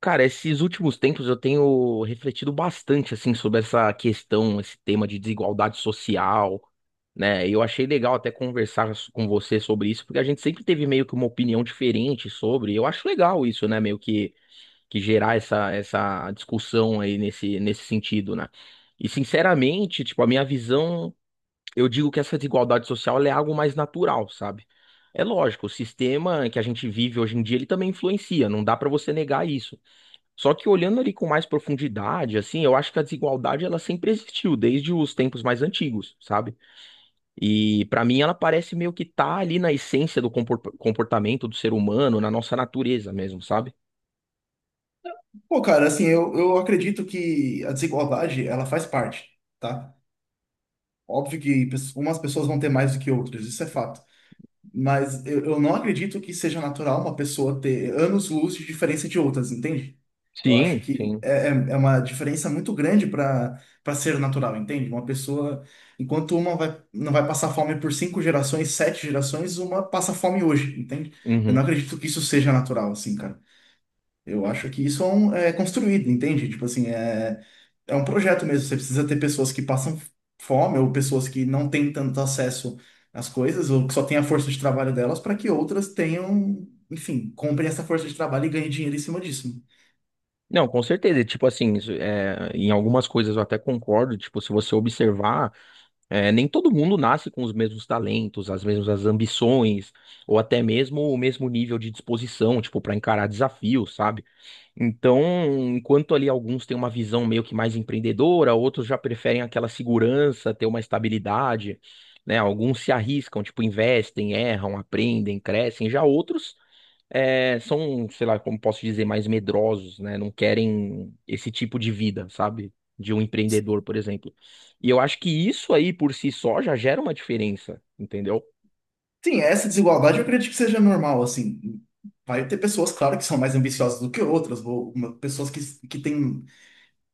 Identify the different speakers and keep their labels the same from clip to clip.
Speaker 1: Cara, esses últimos tempos eu tenho refletido bastante assim sobre essa questão, esse tema de desigualdade social, né? E eu achei legal até conversar com você sobre isso, porque a gente sempre teve meio que uma opinião diferente sobre. Eu acho legal isso, né? Meio que gerar essa discussão aí nesse sentido, né? E sinceramente, tipo, a minha visão, eu digo que essa desigualdade social ela é algo mais natural, sabe? É lógico, o sistema que a gente vive hoje em dia, ele também influencia, não dá pra você negar isso. Só que olhando ali com mais profundidade, assim, eu acho que a desigualdade ela sempre existiu desde os tempos mais antigos, sabe? E pra mim ela parece meio que tá ali na essência do comportamento do ser humano, na nossa natureza mesmo, sabe?
Speaker 2: Pô, cara, assim, eu acredito que a desigualdade, ela faz parte, tá? Óbvio que umas pessoas vão ter mais do que outras, isso é fato. Mas eu não acredito que seja natural uma pessoa ter anos-luz de diferença de outras, entende? Eu acho
Speaker 1: Sim,
Speaker 2: que
Speaker 1: sim.
Speaker 2: é uma diferença muito grande para ser natural, entende? Uma pessoa, enquanto uma não vai passar fome por cinco gerações, sete gerações, uma passa fome hoje, entende? Eu não
Speaker 1: Uhum.
Speaker 2: acredito que isso seja natural, assim, cara. Eu acho que isso é construído, entende? Tipo assim, é um projeto mesmo. Você precisa ter pessoas que passam fome ou pessoas que não têm tanto acesso às coisas ou que só têm a força de trabalho delas para que outras tenham, enfim, comprem essa força de trabalho e ganhem dinheiro em cima disso.
Speaker 1: Não, com certeza. E, tipo assim, isso, é, em algumas coisas eu até concordo. Tipo, se você observar, é, nem todo mundo nasce com os mesmos talentos, as mesmas ambições, ou até mesmo o mesmo nível de disposição, tipo, para encarar desafios, sabe? Então, enquanto ali alguns têm uma visão meio que mais empreendedora, outros já preferem aquela segurança, ter uma estabilidade, né? Alguns se arriscam, tipo, investem, erram, aprendem, crescem. Já outros são, sei lá, como posso dizer, mais medrosos, né? Não querem esse tipo de vida, sabe? De um empreendedor, por exemplo. E eu acho que isso aí por si só já gera uma diferença, entendeu?
Speaker 2: Sim, essa desigualdade eu acredito que seja normal, assim. Vai ter pessoas, claro, que são mais ambiciosas do que outras, ou pessoas que têm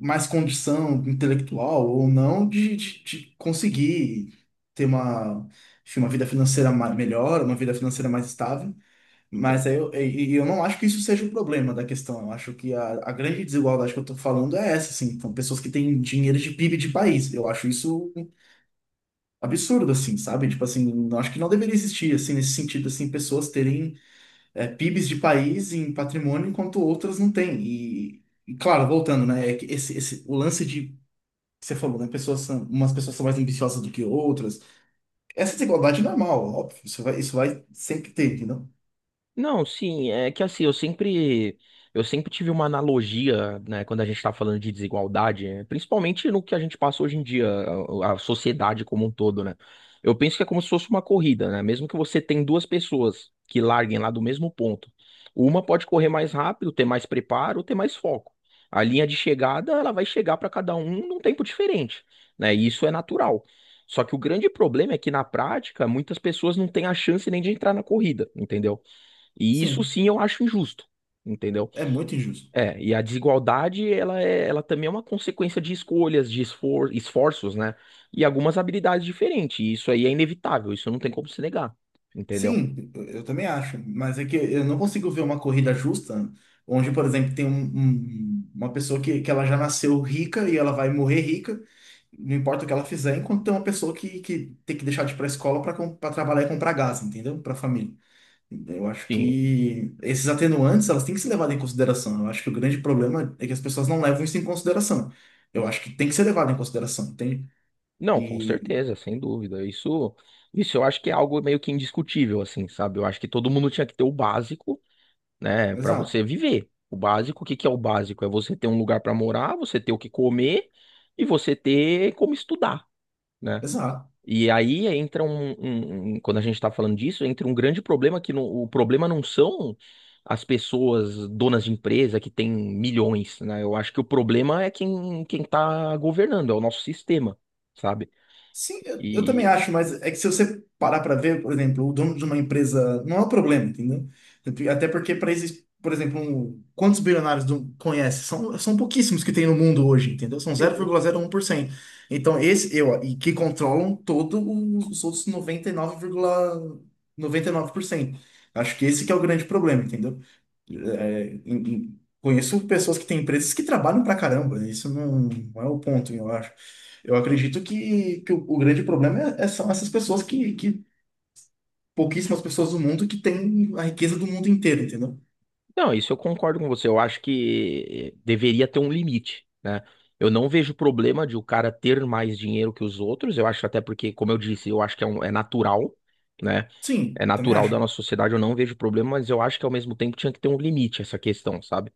Speaker 2: mais condição intelectual ou não de conseguir ter uma, enfim, uma vida financeira melhor, uma vida financeira mais estável. Mas aí eu, e eu não acho que isso seja o problema da questão. Eu acho que a grande desigualdade que eu estou falando é essa, assim. São pessoas que têm dinheiro de PIB de país. Eu acho isso absurdo, assim, sabe? Tipo assim, eu acho que não deveria existir, assim, nesse sentido, assim, pessoas terem PIBs de país em patrimônio enquanto outras não têm. E claro, voltando, né? É que o lance de você falou, né? Umas pessoas são mais ambiciosas do que outras. Essa desigualdade é normal, óbvio. Isso vai sempre ter, entendeu?
Speaker 1: Não, sim, é que assim, eu sempre tive uma analogia, né, quando a gente tá falando de desigualdade, é, principalmente no que a gente passa hoje em dia, a sociedade como um todo, né? Eu penso que é como se fosse uma corrida, né? Mesmo que você tem duas pessoas que larguem lá do mesmo ponto, uma pode correr mais rápido, ter mais preparo, ter mais foco. A linha de chegada, ela vai chegar para cada um num tempo diferente, né? E isso é natural. Só que o grande problema é que na prática, muitas pessoas não têm a chance nem de entrar na corrida, entendeu? E isso
Speaker 2: Sim,
Speaker 1: sim eu acho injusto, entendeu?
Speaker 2: é muito injusto.
Speaker 1: É, e a desigualdade, ela é, ela também é uma consequência de escolhas, de esforços, né? E algumas habilidades diferentes. E isso aí é inevitável, isso não tem como se negar, entendeu?
Speaker 2: Sim, eu também acho. Mas é que eu não consigo ver uma corrida justa onde, por exemplo, tem uma pessoa que ela já nasceu rica e ela vai morrer rica, não importa o que ela fizer, enquanto tem uma pessoa que tem que deixar de ir para a escola para trabalhar e comprar gás, entendeu? Para a família. Eu acho
Speaker 1: Sim.
Speaker 2: que esses atenuantes, elas têm que ser levadas em consideração. Eu acho que o grande problema é que as pessoas não levam isso em consideração. Eu acho que tem que ser levado em consideração, entende?
Speaker 1: Não, com
Speaker 2: E...
Speaker 1: certeza, sem dúvida. Isso, isso eu acho que é algo meio que indiscutível, assim, sabe? Eu acho que todo mundo tinha que ter o básico, né, pra você
Speaker 2: Exato,
Speaker 1: viver. O básico, o que que é o básico? É você ter um lugar pra morar, você ter o que comer e você ter como estudar, né?
Speaker 2: exato.
Speaker 1: E aí entra um, quando a gente está falando disso, entra um grande problema que não- o problema não são as pessoas donas de empresa que têm milhões, né? Eu acho que o problema é quem está governando, é o nosso sistema, sabe?
Speaker 2: Sim, eu também
Speaker 1: E
Speaker 2: acho, mas é que se você parar para ver, por exemplo, o dono de uma empresa não é um problema, entendeu? Até porque para esses, por exemplo, quantos bilionários conhece? São pouquíssimos que tem no mundo hoje, entendeu? São zero zero
Speaker 1: Sim.
Speaker 2: vírgula zero um por cento Então, esse eu e que controlam todos os outros noventa e nove vírgula noventa e nove por cento. Acho que esse que é o grande problema, entendeu? É, conheço pessoas que têm empresas que trabalham pra caramba, isso não é o ponto, eu acho. Eu acredito que o grande problema são essas pessoas pouquíssimas pessoas do mundo que têm a riqueza do mundo inteiro, entendeu?
Speaker 1: Não, isso eu concordo com você. Eu acho que deveria ter um limite, né? Eu não vejo problema de o cara ter mais dinheiro que os outros. Eu acho até porque, como eu disse, eu acho que é natural, né?
Speaker 2: Sim,
Speaker 1: É
Speaker 2: também
Speaker 1: natural da
Speaker 2: acho.
Speaker 1: nossa sociedade, eu não vejo problema, mas eu acho que ao mesmo tempo tinha que ter um limite essa questão, sabe?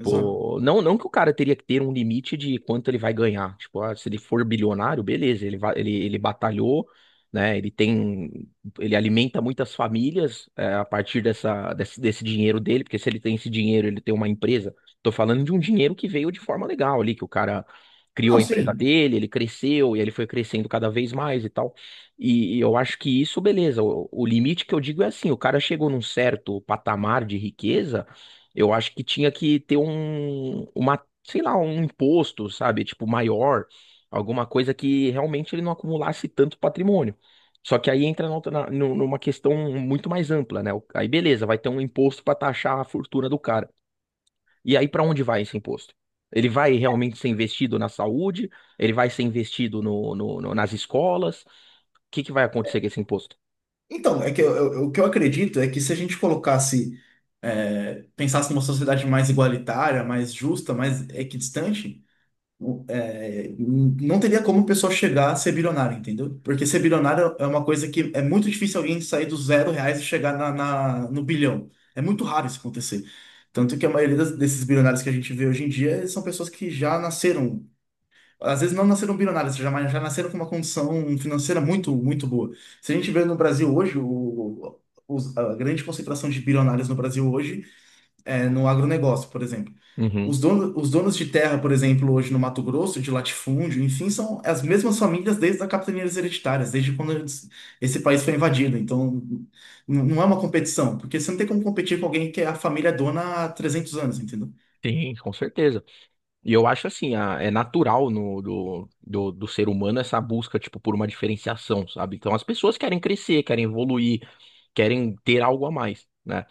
Speaker 2: Exato.
Speaker 1: não, não que o cara teria que ter um limite de quanto ele vai ganhar. Tipo, ah, se ele for bilionário, beleza, ele batalhou, né? Ele alimenta muitas famílias é, a partir dessa, desse dinheiro dele, porque se ele tem esse dinheiro, ele tem uma empresa. Tô falando de um dinheiro que veio de forma legal ali, que o cara criou
Speaker 2: Não,
Speaker 1: a empresa
Speaker 2: sim.
Speaker 1: dele, ele cresceu e ele foi crescendo cada vez mais e tal. E eu acho que isso, beleza. O limite que eu digo é assim, o cara chegou num certo patamar de riqueza eu acho que tinha que ter um, sei lá, um imposto, sabe? Tipo, maior, alguma coisa que realmente ele não acumulasse tanto patrimônio. Só que aí entra na outra- na- nu- numa questão muito mais ampla, né? Aí beleza, vai ter um imposto para taxar a fortuna do cara. E aí para onde vai esse imposto? Ele vai realmente ser investido na saúde? Ele vai ser investido nas escolas? O que que vai acontecer com esse imposto?
Speaker 2: Então, é que o que eu acredito é que se a gente colocasse, pensasse numa sociedade mais igualitária, mais justa, mais equidistante, não teria como o pessoal chegar a ser bilionário, entendeu? Porque ser bilionário é uma coisa que é muito difícil alguém sair dos zero reais e chegar no bilhão. É muito raro isso acontecer. Tanto que a maioria desses bilionários que a gente vê hoje em dia são pessoas que já nasceram, às vezes não nasceram bilionários, já, mas já nasceram com uma condição financeira muito, muito boa. Se a gente vê no Brasil hoje, a grande concentração de bilionários no Brasil hoje no agronegócio, por exemplo. Os
Speaker 1: Uhum,
Speaker 2: donos, os donos de terra, por exemplo, hoje no Mato Grosso, de latifúndio, enfim, são as mesmas famílias desde as capitanias hereditárias, desde quando esse país foi invadido. Então, não é uma competição, porque você não tem como competir com alguém que é a família dona há 300 anos, entendeu?
Speaker 1: sim, com certeza. E eu acho assim, é natural no, do, do, do ser humano essa busca, tipo, por uma diferenciação, sabe? Então as pessoas querem crescer, querem evoluir, querem ter algo a mais, né?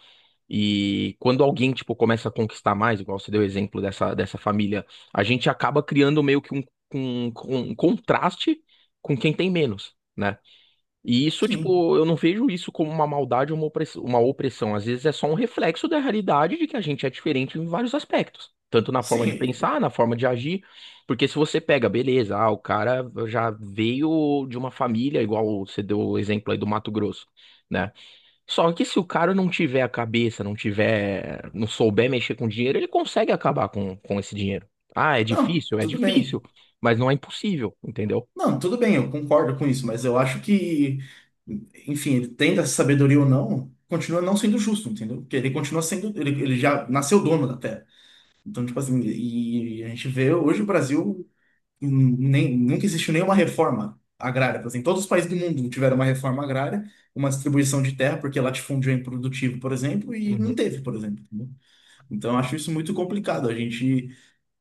Speaker 1: E quando alguém, tipo, começa a conquistar mais, igual você deu o exemplo dessa família, a gente acaba criando meio que um, um contraste com quem tem menos, né? E isso,
Speaker 2: Sim,
Speaker 1: tipo, eu não vejo isso como uma maldade ou uma opressão. Às vezes é só um reflexo da realidade de que a gente é diferente em vários aspectos. Tanto na forma de
Speaker 2: sim.
Speaker 1: pensar, na forma de agir. Porque se você pega, beleza, ah, o cara já veio de uma família, igual você deu o exemplo aí do Mato Grosso, né? Só que se o cara não tiver a cabeça, não tiver, não souber mexer com dinheiro, ele consegue acabar com esse dinheiro. Ah, é
Speaker 2: Não,
Speaker 1: difícil? É
Speaker 2: tudo bem.
Speaker 1: difícil, mas não é impossível, entendeu?
Speaker 2: Não, tudo bem, eu concordo com isso, mas eu acho que, enfim, ele tendo essa sabedoria ou não, continua não sendo justo, entendeu? Porque ele continua sendo, ele já nasceu dono da terra. Então, tipo assim, e a gente vê hoje o Brasil nem, nunca existiu nenhuma reforma agrária. Tipo assim, todos os países do mundo tiveram uma reforma agrária, uma distribuição de terra, porque latifúndio é improdutivo, por exemplo, e não
Speaker 1: Uhum.
Speaker 2: teve, por exemplo. Entendeu? Então, eu acho isso muito complicado. A gente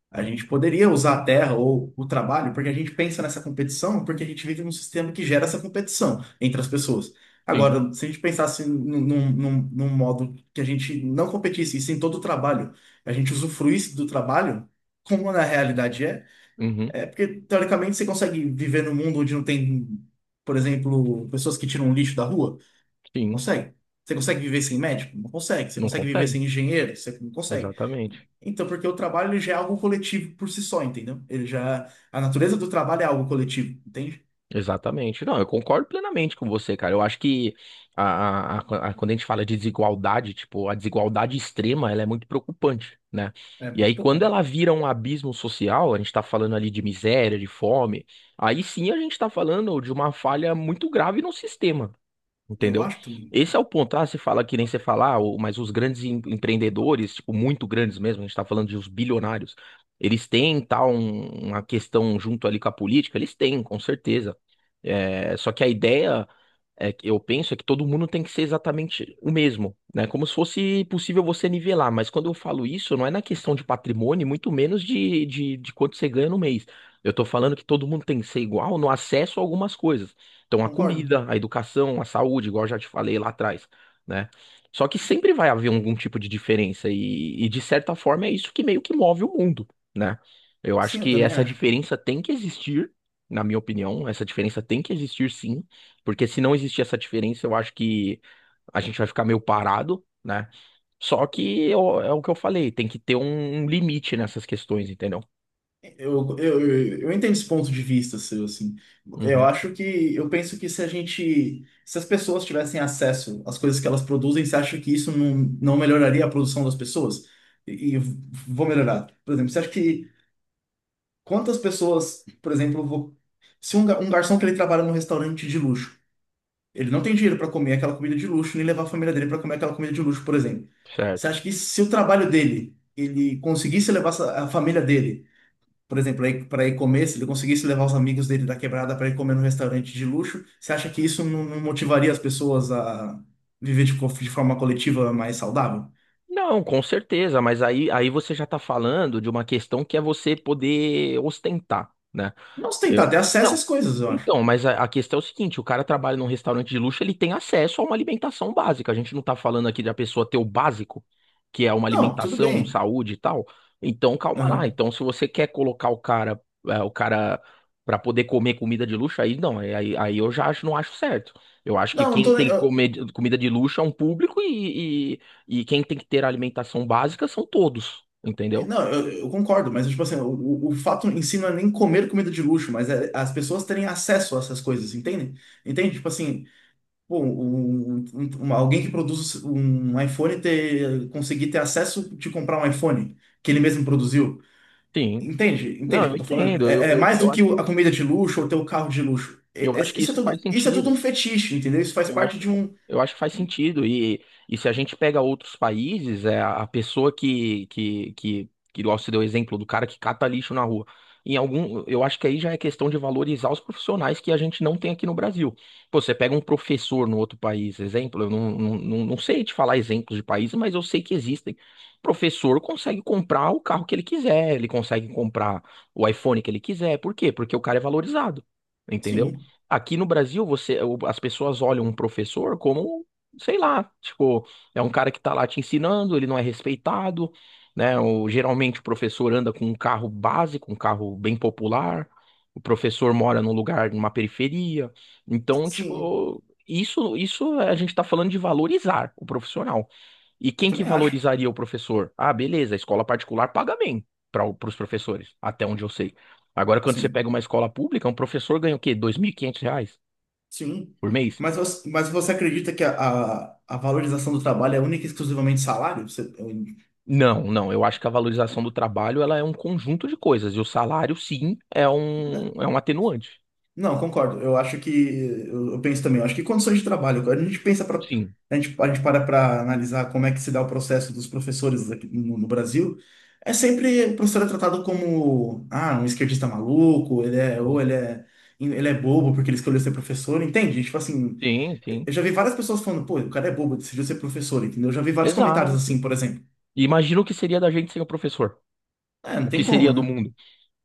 Speaker 2: a gente poderia usar a terra ou o trabalho, porque a gente pensa nessa competição, porque a gente vive num sistema que gera essa competição entre as pessoas.
Speaker 1: Sim,
Speaker 2: Agora, se a gente pensasse num modo que a gente não competisse, e sim todo o trabalho, a gente usufruísse do trabalho, como na realidade é,
Speaker 1: uhum,
Speaker 2: porque teoricamente você consegue viver num mundo onde não tem, por exemplo, pessoas que tiram lixo da rua. Não
Speaker 1: sim.
Speaker 2: consegue. Você consegue viver sem médico? Não consegue. Você
Speaker 1: Não
Speaker 2: consegue viver
Speaker 1: consegue.
Speaker 2: sem engenheiro? Você não consegue.
Speaker 1: Exatamente.
Speaker 2: Então, porque o trabalho ele já é algo coletivo por si só, entendeu? A natureza do trabalho é algo coletivo, entende?
Speaker 1: Exatamente. Não, eu concordo plenamente com você, cara. Eu acho que a, quando a gente fala de desigualdade, tipo, a desigualdade extrema, ela é muito preocupante, né?
Speaker 2: É
Speaker 1: E
Speaker 2: muito
Speaker 1: aí, quando
Speaker 2: importante.
Speaker 1: ela vira um abismo social, a gente tá falando ali de miséria, de fome, aí sim a gente tá falando de uma falha muito grave no sistema.
Speaker 2: Eu
Speaker 1: Entendeu?
Speaker 2: acho também.
Speaker 1: Esse é o ponto. Ah, você fala que nem você fala, ah, mas os grandes empreendedores, tipo, muito grandes mesmo, a gente tá falando de uns bilionários, eles têm tal uma questão junto ali com a política? Eles têm, com certeza. É, só que a ideia é que eu penso é que todo mundo tem que ser exatamente o mesmo, né? Como se fosse possível você nivelar, mas quando eu falo isso, não é na questão de patrimônio, muito menos de quanto você ganha no mês. Eu tô falando que todo mundo tem que ser igual no acesso a algumas coisas. Então, a
Speaker 2: Concordo.
Speaker 1: comida, a educação, a saúde, igual eu já te falei lá atrás, né? Só que sempre vai haver algum tipo de diferença, e de certa forma é isso que meio que move o mundo, né? Eu acho
Speaker 2: Sim, eu
Speaker 1: que
Speaker 2: também
Speaker 1: essa
Speaker 2: acho.
Speaker 1: diferença tem que existir, na minha opinião, essa diferença tem que existir sim porque se não existir essa diferença, eu acho que a gente vai ficar meio parado, né? Só que é o que eu falei, tem que ter um limite nessas questões, entendeu?
Speaker 2: Eu entendo esse ponto de vista seu, assim.
Speaker 1: Uhum,
Speaker 2: Eu penso que se a gente, se as pessoas tivessem acesso às coisas que elas produzem, você acha que isso não melhoraria a produção das pessoas? E vou melhorar. Por exemplo, você acha que quantas pessoas, por exemplo, se um garçom que ele trabalha num restaurante de luxo, ele não tem dinheiro para comer aquela comida de luxo, nem levar a família dele para comer aquela comida de luxo, por exemplo. Você
Speaker 1: certo.
Speaker 2: acha que se o trabalho dele, ele conseguisse levar a família dele, por exemplo, para ir comer, se ele conseguisse levar os amigos dele da quebrada para ir comer num restaurante de luxo, você acha que isso não motivaria as pessoas a viver de forma coletiva mais saudável?
Speaker 1: Não, com certeza, mas aí você já tá falando de uma questão que é você poder ostentar, né?
Speaker 2: Não se tentar
Speaker 1: Eu...
Speaker 2: ter acesso
Speaker 1: Não.
Speaker 2: às coisas, eu acho.
Speaker 1: Então, mas a questão é o seguinte, o cara trabalha num restaurante de luxo, ele tem acesso a uma alimentação básica. A gente não tá falando aqui da pessoa ter o básico, que é uma
Speaker 2: Não, tudo
Speaker 1: alimentação, um
Speaker 2: bem.
Speaker 1: saúde e tal. Então, calma lá.
Speaker 2: Aham.
Speaker 1: Então, se você quer colocar o cara, para poder comer comida de luxo, aí não, é, aí eu já acho, não acho certo. Eu acho que
Speaker 2: Não, não
Speaker 1: quem
Speaker 2: tô.
Speaker 1: tem que comer comida de luxo é um público e quem tem que ter alimentação básica são todos, entendeu?
Speaker 2: Não, eu concordo, mas tipo assim, o fato em si não é nem comer comida de luxo, mas é as pessoas terem acesso a essas coisas, entende? Entende? Tipo assim, pô, alguém que produz um iPhone conseguir ter acesso de comprar um iPhone que ele mesmo produziu.
Speaker 1: Sim.
Speaker 2: Entende? Entende
Speaker 1: Não,
Speaker 2: o que
Speaker 1: eu
Speaker 2: eu tô falando?
Speaker 1: entendo. Eu,
Speaker 2: É
Speaker 1: eu,
Speaker 2: mais do
Speaker 1: eu
Speaker 2: que
Speaker 1: acho,
Speaker 2: a comida de luxo ou ter o carro de luxo.
Speaker 1: eu acho que isso faz
Speaker 2: Isso é tudo um
Speaker 1: sentido.
Speaker 2: fetiche, entendeu? Isso faz
Speaker 1: Eu acho
Speaker 2: parte
Speaker 1: que,
Speaker 2: de um.
Speaker 1: eu acho que faz sentido. E se a gente pega outros países, é a pessoa que igual você deu o exemplo do cara que cata lixo na rua. Em algum, eu acho que aí já é questão de valorizar os profissionais que a gente não tem aqui no Brasil. Pô, você pega um professor no outro país, exemplo, eu não sei te falar exemplos de países, mas eu sei que existem. O professor consegue comprar o carro que ele quiser, ele consegue comprar o iPhone que ele quiser. Por quê? Porque o cara é valorizado, entendeu?
Speaker 2: Sim,
Speaker 1: Aqui no Brasil, as pessoas olham um professor como, sei lá, tipo, é um cara que tá lá te ensinando, ele não é respeitado, né? Geralmente o professor anda com um carro básico, um carro bem popular, o professor mora num lugar, numa periferia. Então,
Speaker 2: sim,
Speaker 1: tipo, isso a gente tá falando de valorizar o profissional. E
Speaker 2: eu
Speaker 1: quem que
Speaker 2: também acho.
Speaker 1: valorizaria o professor? Ah, beleza, a escola particular paga bem para os professores, até onde eu sei. Agora, quando você pega
Speaker 2: Sim.
Speaker 1: uma escola pública, um professor ganha o quê? R$ 2.500
Speaker 2: Sim.
Speaker 1: por mês?
Speaker 2: Mas você acredita que a valorização do trabalho é única e exclusivamente salário? Você- eu-
Speaker 1: Não, não, eu acho que a valorização do trabalho ela é um conjunto de coisas, e o salário, sim, é um atenuante.
Speaker 2: não, concordo. Eu acho que. Eu penso também. Eu acho que condições de trabalho. Quando a gente pensa para.
Speaker 1: Sim.
Speaker 2: A gente para para analisar como é que se dá o processo dos professores aqui no Brasil. É sempre o professor é tratado como, ah, um esquerdista maluco, ele é. Ou
Speaker 1: Uhum.
Speaker 2: ele é. Ele é bobo porque ele escolheu ser professor, entende? Tipo assim.
Speaker 1: Sim, sim.
Speaker 2: Eu já vi várias pessoas falando, pô, o cara é bobo, decidiu ser professor, entendeu? Eu já vi vários comentários
Speaker 1: Exato.
Speaker 2: assim, por exemplo.
Speaker 1: E imagina o que seria da gente sem o professor.
Speaker 2: É, não
Speaker 1: O que
Speaker 2: tem como,
Speaker 1: seria do
Speaker 2: né?
Speaker 1: mundo?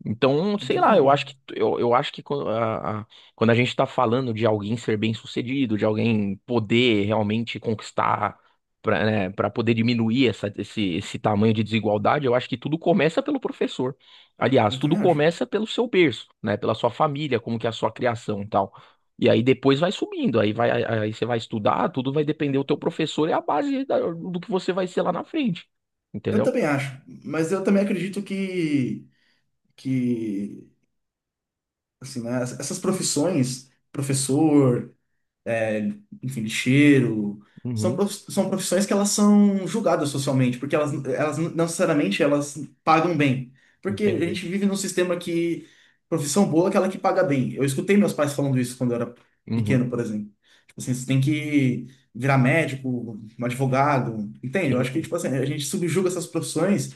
Speaker 1: Então,
Speaker 2: Não
Speaker 1: sei
Speaker 2: tem
Speaker 1: lá, eu
Speaker 2: como.
Speaker 1: acho que quando a gente tá falando de alguém ser bem-sucedido, de alguém poder realmente conquistar para, né, para poder diminuir essa, esse tamanho de desigualdade, eu acho que tudo começa pelo professor. Aliás,
Speaker 2: Eu
Speaker 1: tudo
Speaker 2: também acho.
Speaker 1: começa pelo seu berço, né, pela sua família, como que é a sua criação e tal. E aí depois vai subindo, aí você vai estudar, tudo vai depender do teu professor é a base do que você vai ser lá na frente.
Speaker 2: Eu
Speaker 1: Entendeu?
Speaker 2: também acho. Mas eu também acredito que assim, né, essas profissões, professor, é, enfim, lixeiro. São,
Speaker 1: Uhum,
Speaker 2: prof- são profissões que elas são julgadas socialmente, porque elas não necessariamente elas pagam bem. Porque a
Speaker 1: entendi.
Speaker 2: gente vive num sistema que profissão boa é aquela que paga bem. Eu escutei meus pais falando isso quando eu era
Speaker 1: Uhum.
Speaker 2: pequeno, por exemplo. Tipo assim, você tem que virar médico, um advogado, entende? Eu acho que
Speaker 1: Sim.
Speaker 2: tipo assim, a gente subjuga essas profissões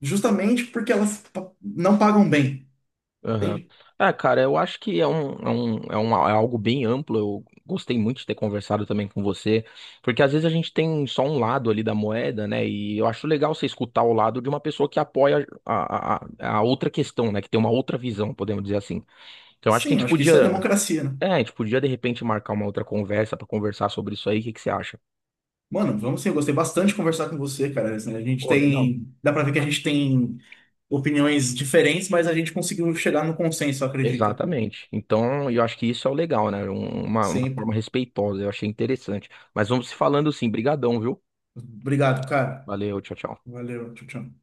Speaker 2: justamente porque não pagam bem,
Speaker 1: Aham.
Speaker 2: entende?
Speaker 1: É, cara, eu acho que é algo bem amplo. Eu gostei muito de ter conversado também com você, porque às vezes a gente tem só um lado ali da moeda, né? E eu acho legal você escutar o lado de uma pessoa que apoia a outra questão, né? Que tem uma outra visão, podemos dizer assim. Então, eu acho que a
Speaker 2: Sim, eu
Speaker 1: gente
Speaker 2: acho que isso é
Speaker 1: podia,
Speaker 2: democracia, né?
Speaker 1: é, a gente podia de repente marcar uma outra conversa para conversar sobre isso aí. O que que você acha?
Speaker 2: Mano, vamos sim, eu gostei bastante de conversar com você, cara. Assim, a gente
Speaker 1: Pô, legal.
Speaker 2: tem. Dá pra ver que a gente tem opiniões diferentes, mas a gente conseguiu chegar no consenso, eu acredito aqui.
Speaker 1: Exatamente. Então, eu acho que isso é o legal, né? Uma
Speaker 2: Sempre.
Speaker 1: forma respeitosa, eu achei interessante. Mas vamos se falando sim, brigadão, viu?
Speaker 2: Obrigado, cara.
Speaker 1: Valeu, tchau, tchau.
Speaker 2: Valeu, tchau, tchau.